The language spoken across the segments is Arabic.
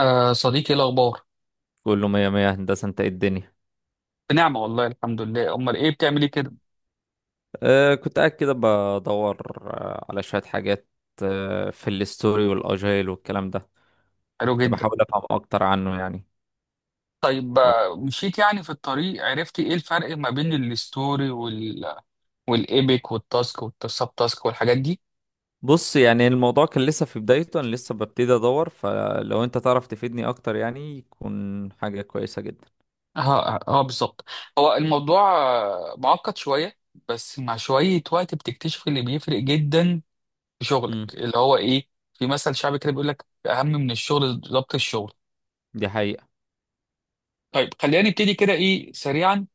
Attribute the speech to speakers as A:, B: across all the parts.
A: آه صديقي، ايه الاخبار؟
B: كله مية مية هندسة. انت ايه الدنيا؟
A: بنعمه والله الحمد لله. امال ايه بتعمل ايه كده؟
B: كنت قاعد كده بدور على شوية حاجات، في الستوري والاجايل والكلام ده.
A: حلو
B: كنت
A: جدا.
B: بحاول افهم اكتر عنه يعني.
A: طيب
B: ف-
A: مشيت يعني في الطريق، عرفتي ايه الفرق ما بين الستوري والايبك والتاسك والسب تاسك والحاجات دي؟
B: بص، يعني الموضوع كان لسه في بدايته، انا لسه ببتدي ادور، فلو انت تعرف تفيدني اكتر يعني يكون حاجة كويسة جدا.
A: اه اه بالظبط. هو الموضوع معقد شويه، بس مع شويه وقت بتكتشف اللي بيفرق جدا في شغلك،
B: مم.
A: اللي هو ايه؟ في مثل شعبي كده بيقول لك: اهم من الشغل ضبط الشغل.
B: دي حقيقة.
A: طيب خلينا نبتدي كده ايه سريعا.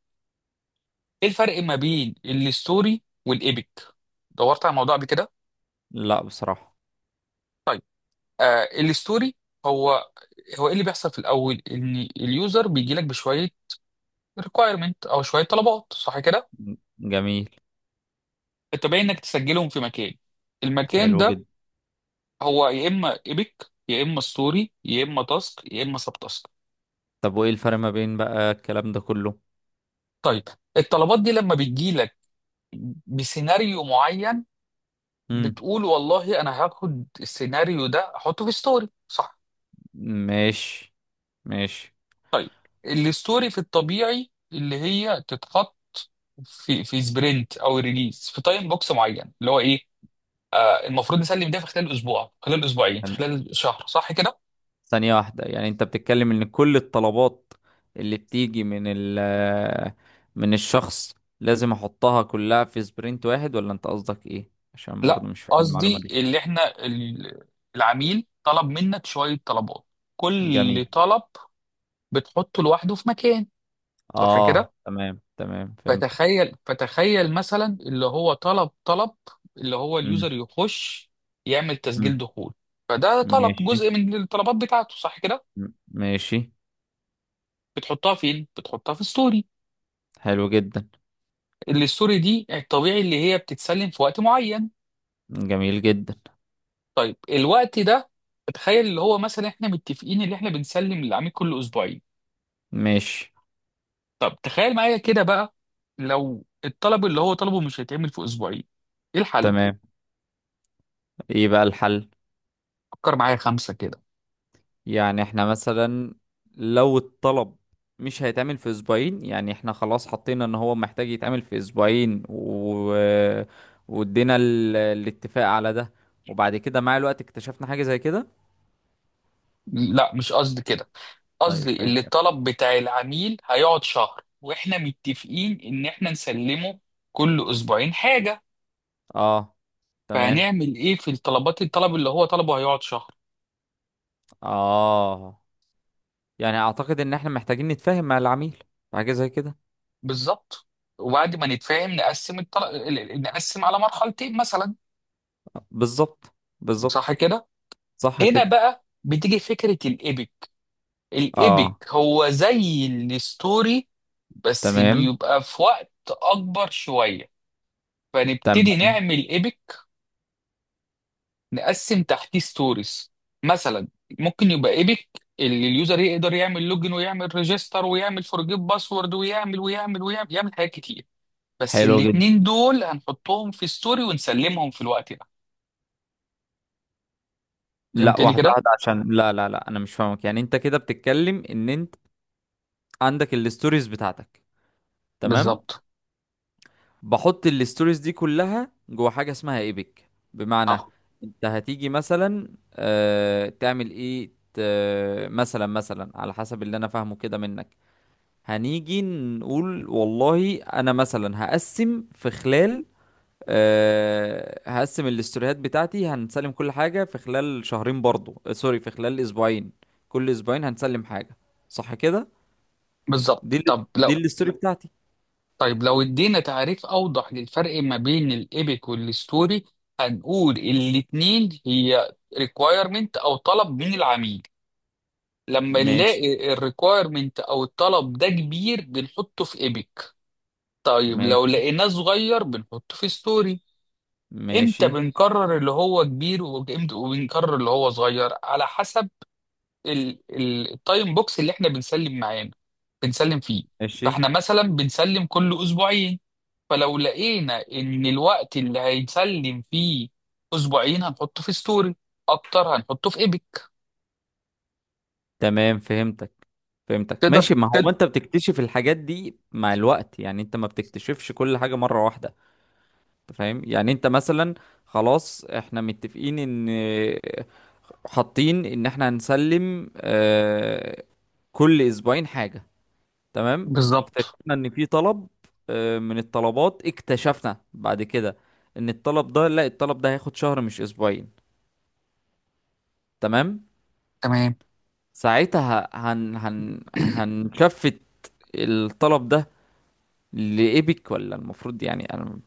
A: ايه الفرق ما بين الستوري والايبك؟ دورت على الموضوع قبل كده؟
B: لا، بصراحة.
A: طيب. الستوري هو ايه اللي بيحصل في الاول؟ ان اليوزر بيجي لك بشويه ريكوايرمنت او شويه طلبات، صح كده؟
B: جميل.
A: انت باين انك تسجلهم في مكان. المكان
B: حلو
A: ده
B: جدا.
A: هو يا اما ايبك يا اما ستوري يا اما تاسك يا اما سب تاسك.
B: طب وايه الفرق ما بين بقى الكلام ده كله؟
A: طيب الطلبات دي لما بتجي لك بسيناريو معين،
B: مم.
A: بتقول والله انا هاخد السيناريو ده احطه في ستوري، صح؟
B: ماشي، ماشي.
A: طيب الستوري في الطبيعي اللي هي تتحط في سبرنت او ريليز في تايم بوكس معين، اللي هو ايه؟ المفروض نسلم ده في خلال اسبوع، في خلال اسبوعين، في خلال شهر، صح كده؟
B: ثانية واحدة، يعني انت بتتكلم ان كل الطلبات اللي بتيجي من من الشخص لازم احطها كلها في سبرنت واحد، ولا انت قصدك ايه؟ عشان برضو
A: لا
B: مش فاهم المعلومة
A: قصدي
B: دي.
A: اللي احنا العميل طلب منك شوية طلبات، كل
B: جميل.
A: طلب بتحطه لوحده في مكان، صح
B: اه،
A: كده؟
B: تمام تمام، فهمتك.
A: فتخيل فتخيل مثلا اللي هو طلب طلب اللي هو
B: مم.
A: اليوزر يخش يعمل تسجيل
B: مم.
A: دخول، فده طلب
B: ماشي.
A: جزء من الطلبات بتاعته، صح كده؟
B: مم. ماشي.
A: بتحطها فين؟ بتحطها في الستوري،
B: حلو جدا.
A: اللي الستوري دي الطبيعي اللي هي بتتسلم في وقت معين.
B: جميل جدا.
A: طيب الوقت ده تخيل اللي هو مثلا احنا متفقين اللي احنا بنسلم للعميل كل اسبوعين.
B: ماشي.
A: طب تخيل معايا كده بقى، لو الطلب اللي هو طلبه مش هيتعمل في اسبوعين، ايه الحل؟
B: تمام. ايه بقى الحل؟
A: فكر معايا خمسة كده.
B: يعني احنا مثلا لو الطلب مش هيتعمل في اسبوعين، يعني احنا خلاص حطينا ان هو محتاج يتعمل في اسبوعين وادينا الاتفاق على ده، وبعد كده مع الوقت اكتشفنا حاجة زي كده.
A: لا مش قصدي كده،
B: طيب،
A: قصدي
B: فاهم
A: اللي
B: يعني.
A: الطلب بتاع العميل هيقعد شهر واحنا متفقين ان احنا نسلمه كل اسبوعين حاجة.
B: اه، تمام.
A: فهنعمل ايه في الطلبات، الطلب اللي هو طلبه هيقعد شهر؟
B: اه، يعني اعتقد ان احنا محتاجين نتفاهم مع العميل في حاجة زي كده.
A: بالظبط. وبعد ما نتفاهم نقسم نقسم على مرحلتين مثلا،
B: بالظبط بالظبط.
A: صح كده؟
B: صح
A: هنا
B: كده.
A: بقى بتيجي فكرة الإيبك. الإيبك
B: اه،
A: هو زي الستوري، بس
B: تمام
A: بيبقى في وقت أكبر شوية، فنبتدي
B: تمام.
A: نعمل إيبك، نقسم تحتيه ستوريز. مثلا ممكن يبقى إيبك اللي اليوزر يقدر يعمل لوجن ويعمل ريجستر ويعمل فورجيت باسورد ويعمل ويعمل ويعمل يعمل حاجات كتير، بس
B: حلو جدا.
A: الاتنين دول هنحطهم في ستوري ونسلمهم في الوقت.
B: لا،
A: فهمتني
B: واحدة
A: كده؟
B: واحدة، عشان لا لا لا، انا مش فاهمك. يعني انت كده بتتكلم ان انت عندك الستوريز بتاعتك، تمام؟
A: بالظبط.
B: بحط الستوريز دي كلها جوه حاجة اسمها ايبك، بمعنى
A: اه
B: انت هتيجي مثلا، تعمل ايه؟ مثلا على حسب اللي انا فاهمه كده منك، هنيجي نقول والله انا مثلا هقسم في خلال، هقسم الاستوريهات بتاعتي، هنسلم كل حاجة في خلال شهرين برضو، سوري، في خلال اسبوعين، كل اسبوعين هنسلم حاجة، صح كده؟
A: بالظبط.
B: دي ال...
A: طب
B: دي
A: لو
B: الاستوري بتاعتي.
A: طيب لو ادينا تعريف اوضح للفرق ما بين الايبك والستوري، هنقول الاتنين هي ريكوايرمنت او طلب من العميل. لما
B: ماشي،
A: نلاقي الريكوايرمنت او الطلب ده كبير بنحطه في ايبك، طيب لو
B: ماشي،
A: لقيناه صغير بنحطه في ستوري. امتى
B: ماشي،
A: بنقرر اللي هو كبير وامتى وبنقرر اللي هو صغير؟ على حسب التايم بوكس اللي احنا بنسلم معانا بنسلم فيه.
B: ماشي.
A: فاحنا مثلا بنسلم كل اسبوعين، فلو لقينا ان الوقت اللي هيتسلم فيه اسبوعين هنحطه في ستوري، اكتر هنحطه في ايبك.
B: تمام، فهمتك فهمتك،
A: تقدر
B: ماشي. ما هو
A: تد...
B: انت بتكتشف الحاجات دي مع الوقت، يعني انت ما بتكتشفش كل حاجة مرة واحدة. انت فاهم؟ يعني انت مثلا خلاص احنا متفقين ان، حاطين ان احنا هنسلم، كل اسبوعين حاجة، تمام،
A: بالظبط
B: اكتشفنا ان في طلب، من الطلبات اكتشفنا بعد كده ان الطلب ده، لا، الطلب ده هياخد شهر مش اسبوعين، تمام،
A: تمام.
B: ساعتها هن هن هنشفت الطلب ده لإيبك، ولا المفروض؟ يعني انا،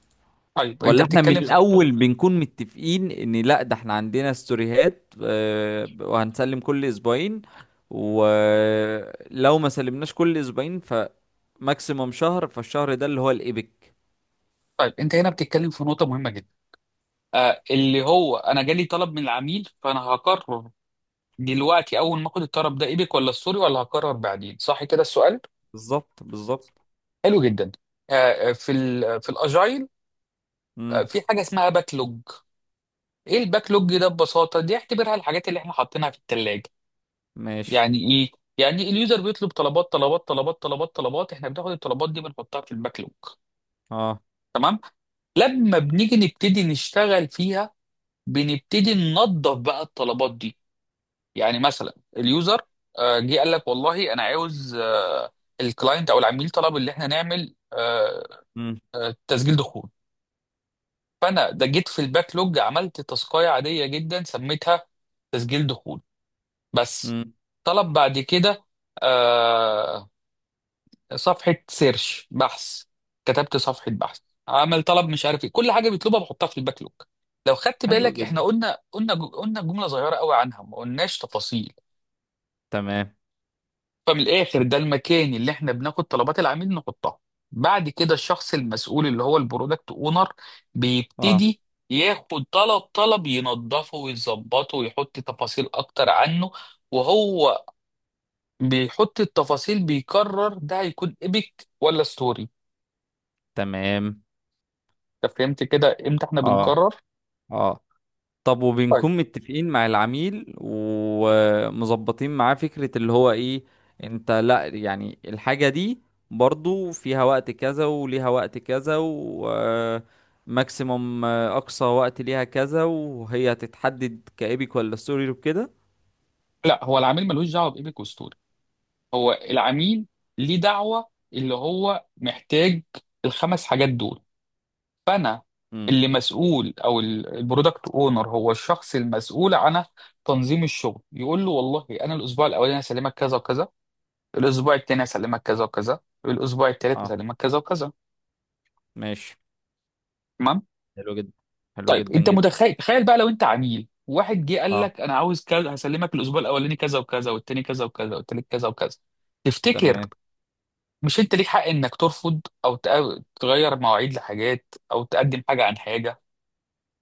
A: طيب انت
B: ولا احنا من
A: بتتكلم في
B: الاول بنكون متفقين ان لا، ده احنا عندنا ستوريهات، وهنسلم كل اسبوعين، ولو ما سلمناش كل اسبوعين فماكسيموم شهر، فالشهر ده اللي هو الايبك.
A: طيب انت هنا بتتكلم في نقطة مهمة جدا، اللي هو انا جالي طلب من العميل، فانا هقرر دلوقتي اول ما اخد الطلب ده ايبك ولا ستوري، ولا هقرر بعدين؟ صح كده السؤال.
B: بالظبط بالظبط.
A: حلو جدا. في في الاجايل
B: امم.
A: في حاجه اسمها باك لوج. ايه الباك لوج ده؟ ببساطه دي اعتبرها الحاجات اللي احنا حاطينها في الثلاجه.
B: ماشي.
A: يعني ايه؟ يعني اليوزر بيطلب طلبات طلبات طلبات طلبات طلبات، احنا بناخد الطلبات دي بنحطها في الباك لوج.
B: اه.
A: تمام. لما بنيجي نبتدي نشتغل فيها بنبتدي ننظف بقى الطلبات دي. يعني مثلا اليوزر جه قال لك والله انا عاوز الكلاينت او العميل طلب اللي احنا نعمل
B: امم.
A: تسجيل دخول، فانا ده جيت في الباك لوج عملت تاسكايه عاديه جدا سميتها تسجيل دخول بس.
B: امم.
A: طلب بعد كده آه صفحه سيرش بحث، كتبت صفحه بحث. عمل طلب مش عارف ايه، كل حاجه بيطلبها بحطها في الباك لوج. لو خدت
B: حلو
A: بالك احنا
B: جدا.
A: قلنا قلنا قلنا جمله صغيره قوي عنها، ما قلناش تفاصيل.
B: تمام.
A: فمن الاخر ده المكان اللي احنا بناخد طلبات العميل نحطها. بعد كده الشخص المسؤول اللي هو البرودكت اونر
B: اه،
A: بيبتدي ياخد طلب طلب ينظفه ويظبطه ويحط تفاصيل اكتر عنه، وهو بيحط التفاصيل بيقرر ده هيكون ايبك ولا ستوري.
B: تمام.
A: انت فهمت كده امتى احنا
B: اه.
A: بنقرر؟
B: اه. طب،
A: طيب.
B: وبنكون متفقين مع العميل ومظبطين معاه فكرة اللي هو، ايه انت؟ لا، يعني الحاجة دي برضو فيها وقت كذا، وليها وقت كذا، وماكسيموم اقصى وقت ليها كذا، وهي هتتحدد كايبك ولا ستوري وكده.
A: لا هو العميل ملوش دعوه بايبك وستوري، هو العميل ليه دعوه اللي هو محتاج الخمس حاجات دول. فانا
B: امم.
A: اللي مسؤول او البرودكت اونر هو الشخص المسؤول عن تنظيم الشغل، يقول له والله انا الاسبوع الاولاني هسلمك كذا وكذا، الاسبوع الثاني هسلمك كذا وكذا، الاسبوع الثالث
B: اه.
A: هسلمك كذا وكذا.
B: ماشي.
A: تمام.
B: حلو جدا. حلو
A: طيب
B: جدا
A: انت
B: جدا.
A: متخيل، تخيل بقى لو انت عميل واحد جه قال
B: اه،
A: لك انا عاوز كذا، هسلمك الاسبوع الاولاني كذا وكذا، والثاني كذا وكذا، والثالث كذا وكذا. تفتكر
B: تمام،
A: مش انت ليك حق انك ترفض او تغير مواعيد لحاجات، او تقدم حاجه عن حاجه؟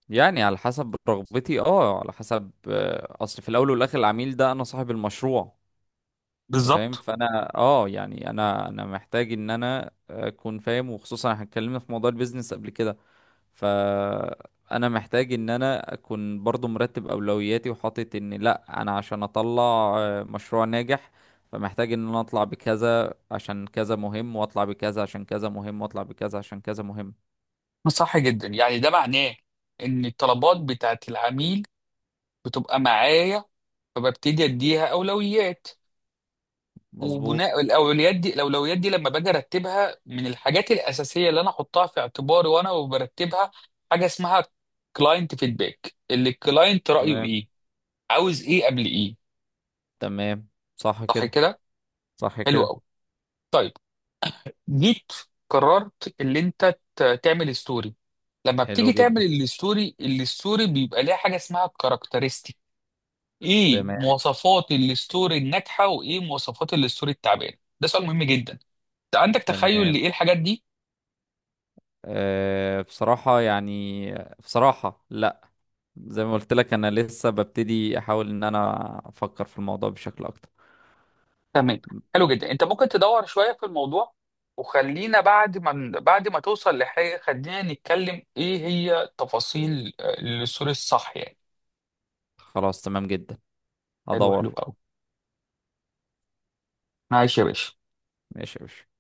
B: يعني على حسب رغبتي، اه، على حسب، اصل في الاول والاخر العميل ده انا صاحب المشروع، انت فاهم؟
A: بالظبط.
B: فانا اه، يعني انا محتاج ان انا اكون فاهم، وخصوصا احنا اتكلمنا في موضوع البيزنس قبل كده، فانا محتاج ان انا اكون برضو مرتب اولوياتي وحاطط ان لا، انا عشان اطلع مشروع ناجح، فمحتاج ان انا اطلع بكذا عشان كذا مهم، واطلع بكذا عشان كذا مهم، واطلع بكذا عشان كذا مهم.
A: صح جدا. يعني ده معناه ان الطلبات بتاعت العميل بتبقى معايا فببتدي اديها اولويات.
B: مظبوط.
A: وبناء الاولويات دي، الاولويات دي لما باجي ارتبها من الحاجات الاساسيه اللي انا احطها في اعتباري وانا برتبها حاجه اسمها كلاينت فيدباك، اللي الكلاينت رايه
B: تمام
A: ايه، عاوز ايه قبل ايه،
B: تمام. صح
A: صح
B: كده.
A: كده؟
B: صح
A: حلو
B: كده.
A: قوي. طيب، جيت قررت اللي انت تعمل ستوري. لما
B: حلو
A: بتيجي تعمل
B: جدا.
A: الستوري، الستوري بيبقى ليها حاجه اسمها characteristics. ايه
B: تمام
A: مواصفات الستوري الناجحه وايه مواصفات الستوري التعبانه؟ ده سؤال مهم جدا. انت عندك تخيل
B: تمام.
A: لايه الحاجات دي؟
B: أه، بصراحة يعني، بصراحة لا، زي ما قلت لك انا لسه ببتدي احاول ان انا افكر في الموضوع بشكل اكتر.
A: تمام. حلو جدا. انت ممكن تدور شويه في الموضوع، وخلينا بعد ما توصل لحاجه خلينا نتكلم ايه هي تفاصيل الستوري الصح يعني.
B: خلاص، تمام جدا.
A: حلو.
B: ادور.
A: حلو قوي. ماشي يا باشا.
B: ماشي يا باشا.